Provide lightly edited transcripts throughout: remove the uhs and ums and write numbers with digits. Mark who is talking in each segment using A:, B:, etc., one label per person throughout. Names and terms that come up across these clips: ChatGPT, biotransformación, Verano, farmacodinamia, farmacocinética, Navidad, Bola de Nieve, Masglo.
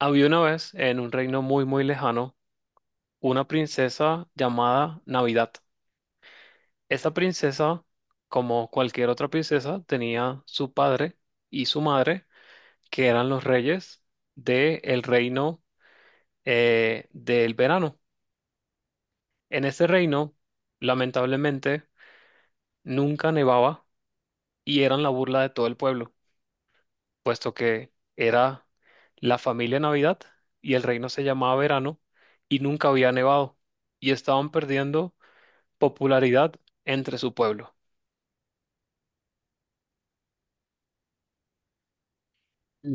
A: Había una vez en un reino muy muy lejano una princesa llamada Navidad. Esta princesa, como cualquier otra princesa, tenía su padre y su madre, que eran los reyes del reino del verano. En ese reino, lamentablemente, nunca nevaba y eran la burla de todo el pueblo, puesto que era la familia Navidad y el reino se llamaba Verano y nunca había nevado y estaban perdiendo popularidad entre su pueblo.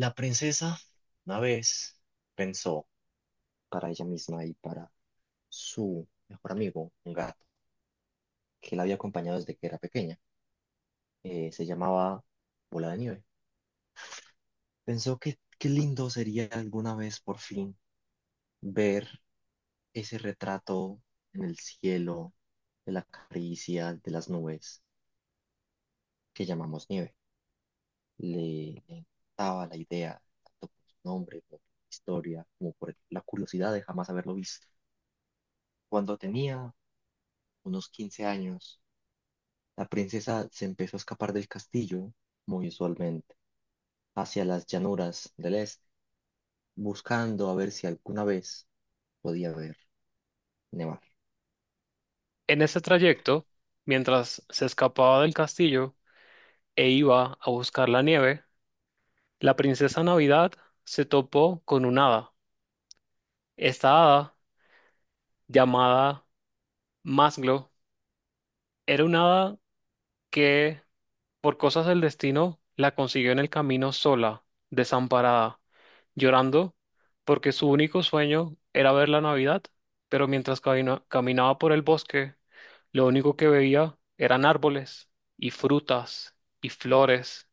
B: La princesa una vez pensó para ella misma y para su mejor amigo, un gato, que la había acompañado desde que era pequeña. Se llamaba Bola de Nieve. Pensó que qué lindo sería alguna vez por fin ver ese retrato en el cielo, de la caricia de las nubes que llamamos nieve. Le encantaba la idea, tanto por su nombre, como por su historia, como por la curiosidad de jamás haberlo visto. Cuando tenía unos 15 años, la princesa se empezó a escapar del castillo, muy usualmente, hacia las llanuras del este, buscando a ver si alguna vez podía ver nevar.
A: En ese trayecto, mientras se escapaba del castillo e iba a buscar la nieve, la princesa Navidad se topó con una hada. Esta hada, llamada Masglo, era una hada que, por cosas del destino, la consiguió en el camino sola, desamparada, llorando, porque su único sueño era ver la Navidad, pero mientras caminaba por el bosque, lo único que veía eran árboles y frutas y flores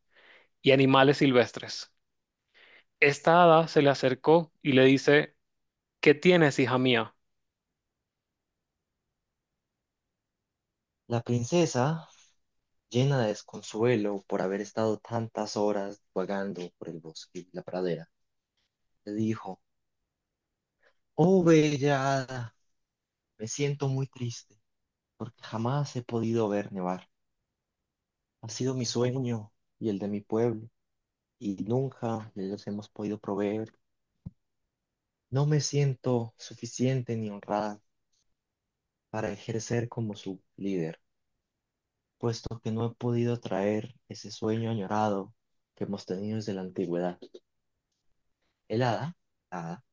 A: y animales silvestres. Esta hada se le acercó y le dice, ¿qué tienes, hija mía?
B: La princesa, llena de desconsuelo por haber estado tantas horas vagando por el bosque y la pradera, le dijo: "Oh, bella hada, me siento muy triste porque jamás he podido ver nevar. Ha sido mi sueño y el de mi pueblo y nunca les hemos podido proveer. No me siento suficiente ni honrada para ejercer como su líder, puesto que no he podido traer ese sueño añorado que hemos tenido desde la antigüedad". El hada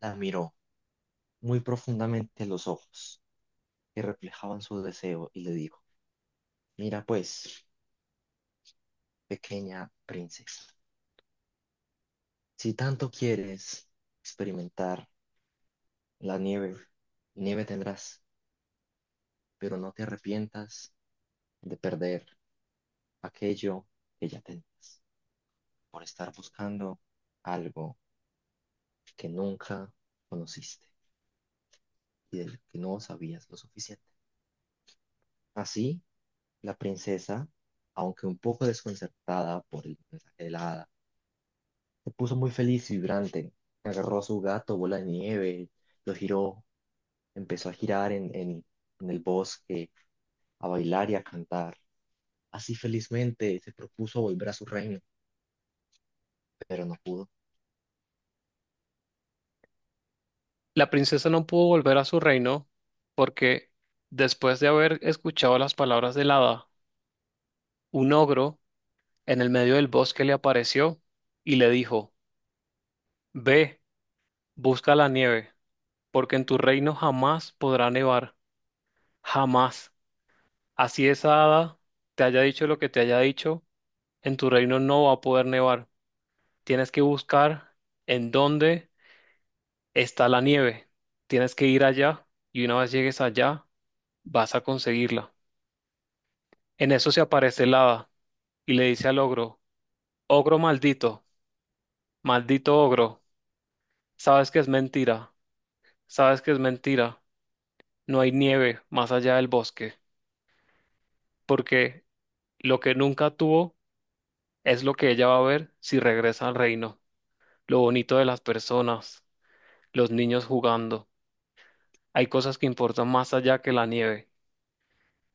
B: la miró muy profundamente en los ojos que reflejaban su deseo y le dijo: "Mira pues, pequeña princesa, si tanto quieres experimentar la nieve, nieve tendrás, pero no te arrepientas de perder aquello que ya tenías por estar buscando algo que nunca conociste y del que no sabías lo suficiente". Así, la princesa, aunque un poco desconcertada por el mensaje de la hada, se puso muy feliz y vibrante. Agarró a su gato, Bola de Nieve, lo giró, empezó a girar en el bosque, a bailar y a cantar. Así felizmente se propuso volver a su reino, pero no pudo.
A: La princesa no pudo volver a su reino porque, después de haber escuchado las palabras del hada, un ogro en el medio del bosque le apareció y le dijo, ve, busca la nieve, porque en tu reino jamás podrá nevar, jamás. Así esa hada te haya dicho lo que te haya dicho, en tu reino no va a poder nevar. Tienes que buscar en dónde está la nieve. Tienes que ir allá y una vez llegues allá, vas a conseguirla. En eso se aparece el hada y le dice al ogro, ogro maldito, maldito ogro, sabes que es mentira, sabes que es mentira. No hay nieve más allá del bosque, porque lo que nunca tuvo es lo que ella va a ver si regresa al reino, lo bonito de las personas, los niños jugando. Hay cosas que importan más allá que la nieve,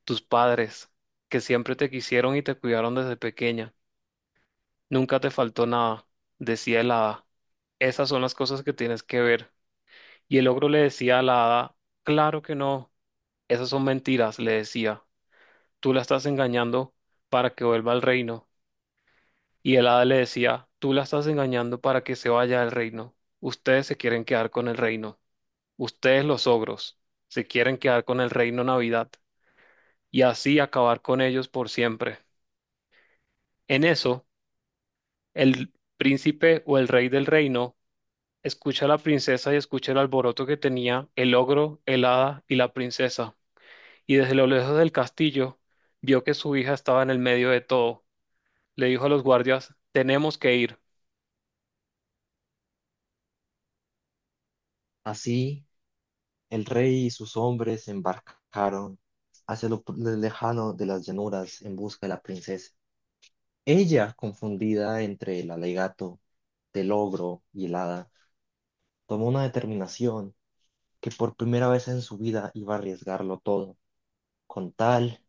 A: tus padres, que siempre te quisieron y te cuidaron desde pequeña. Nunca te faltó nada, decía el hada. Esas son las cosas que tienes que ver. Y el ogro le decía a la hada, claro que no, esas son mentiras, le decía. Tú la estás engañando para que vuelva al reino. Y el hada le decía, tú la estás engañando para que se vaya al reino. Ustedes se quieren quedar con el reino. Ustedes los ogros se quieren quedar con el reino Navidad y así acabar con ellos por siempre. En eso, el príncipe o el rey del reino escucha a la princesa y escucha el alboroto que tenía el ogro, el hada y la princesa. Y desde lo lejos del castillo vio que su hija estaba en el medio de todo. Le dijo a los guardias, tenemos que ir.
B: Así, el rey y sus hombres se embarcaron hacia lo lejano de las llanuras en busca de la princesa. Ella, confundida entre el alegato del ogro y el hada, tomó una determinación: que por primera vez en su vida iba a arriesgarlo todo con tal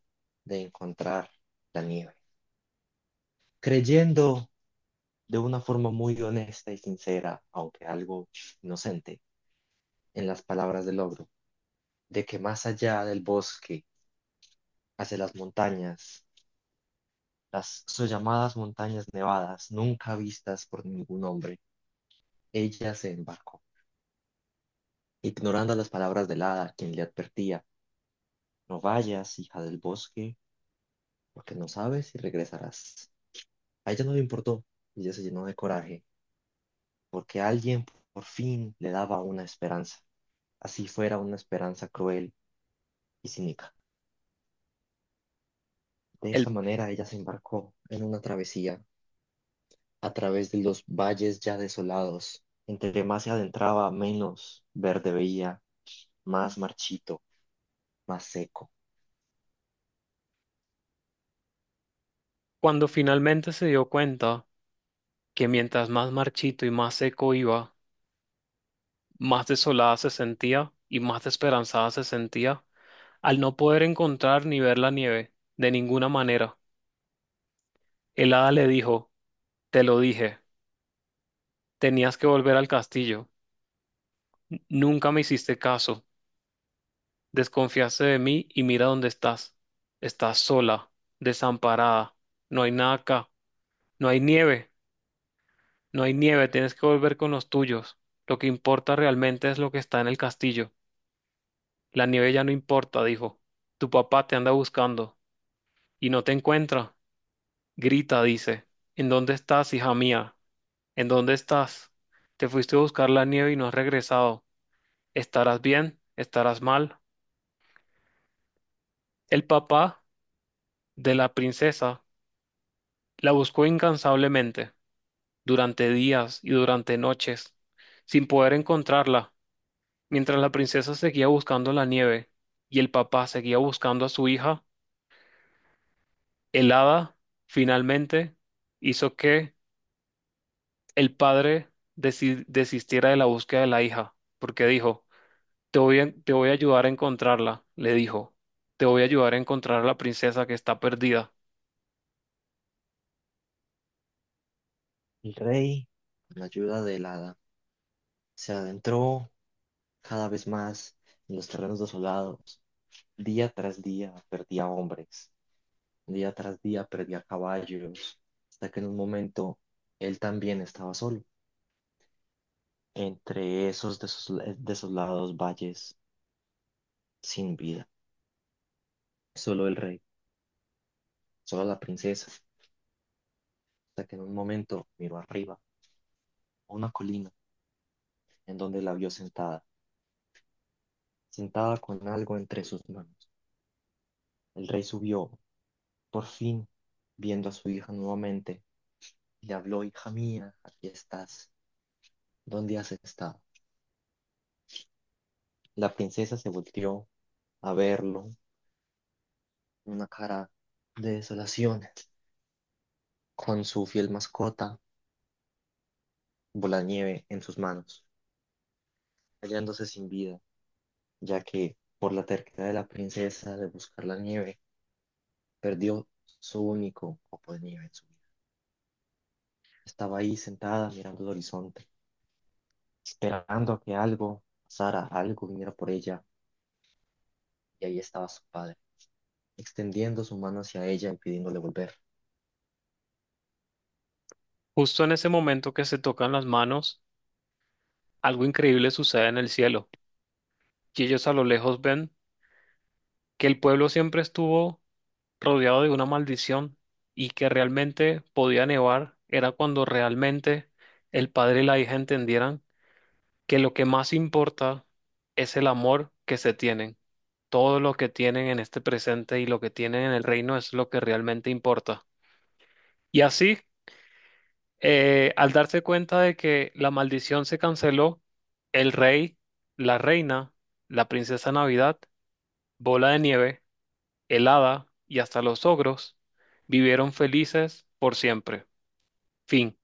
B: de encontrar la nieve, creyendo de una forma muy honesta y sincera, aunque algo inocente, en las palabras del ogro, de que más allá del bosque, hacia las montañas, las sollamadas montañas nevadas, nunca vistas por ningún hombre. Ella se embarcó, ignorando las palabras del hada, quien le advertía: "No vayas, hija del bosque, porque no sabes si regresarás". A ella no le importó, y ella se llenó de coraje, porque alguien por fin le daba una esperanza, así fuera una esperanza cruel y cínica. De esta
A: Él,
B: manera ella se embarcó en una travesía a través de los valles ya desolados. Entre más se adentraba, menos verde veía, más marchito, más seco.
A: cuando finalmente se dio cuenta, que mientras más marchito y más seco iba, más desolada se sentía y más desesperanzada se sentía al no poder encontrar ni ver la nieve, de ninguna manera. El hada le dijo, te lo dije, tenías que volver al castillo. Nunca me hiciste caso. Desconfiaste de mí y mira dónde estás. Estás sola, desamparada. No hay nada acá. No hay nieve. No hay nieve. Tienes que volver con los tuyos. Lo que importa realmente es lo que está en el castillo. La nieve ya no importa, dijo. Tu papá te anda buscando y no te encuentra. Grita, dice. ¿En dónde estás, hija mía? ¿En dónde estás? Te fuiste a buscar la nieve y no has regresado. ¿Estarás bien? ¿Estarás mal? El papá de la princesa la buscó incansablemente durante días y durante noches, sin poder encontrarla, mientras la princesa seguía buscando la nieve y el papá seguía buscando a su hija, el hada finalmente hizo que el padre desistiera de la búsqueda de la hija, porque dijo, te voy a ayudar a encontrarla, le dijo, te voy a ayudar a encontrar a la princesa que está perdida.
B: El rey, con la ayuda del hada, se adentró cada vez más en los terrenos desolados. Día tras día perdía hombres, día tras día perdía caballos, hasta que en un momento él también estaba solo, entre esos desolados valles sin vida. Solo el rey, solo la princesa, hasta que en un momento miró arriba, a una colina en donde la vio sentada, sentada con algo entre sus manos. El rey subió. Por fin, viendo a su hija nuevamente, le habló: "Hija mía, aquí estás. ¿Dónde has estado?". La princesa se volteó a verlo, una cara de desolación, con su fiel mascota, Bolanieve, en sus manos, hallándose sin vida, ya que por la terquedad de la princesa de buscar la nieve, perdió su único copo de nieve en su vida. Estaba ahí sentada mirando el horizonte, esperando a que algo pasara, algo viniera por ella, y ahí estaba su padre extendiendo su mano hacia ella y pidiéndole volver.
A: Justo en ese momento que se tocan las manos, algo increíble sucede en el cielo, y ellos a lo lejos ven que el pueblo siempre estuvo rodeado de una maldición y que realmente podía nevar, era cuando realmente el padre y la hija entendieran que lo que más importa es el amor que se tienen. Todo lo que tienen en este presente y lo que tienen en el reino es lo que realmente importa. Y así, al darse cuenta de que la maldición se canceló, el rey, la reina, la princesa Navidad, Bola de Nieve, el hada y hasta los ogros vivieron felices por siempre. Fin.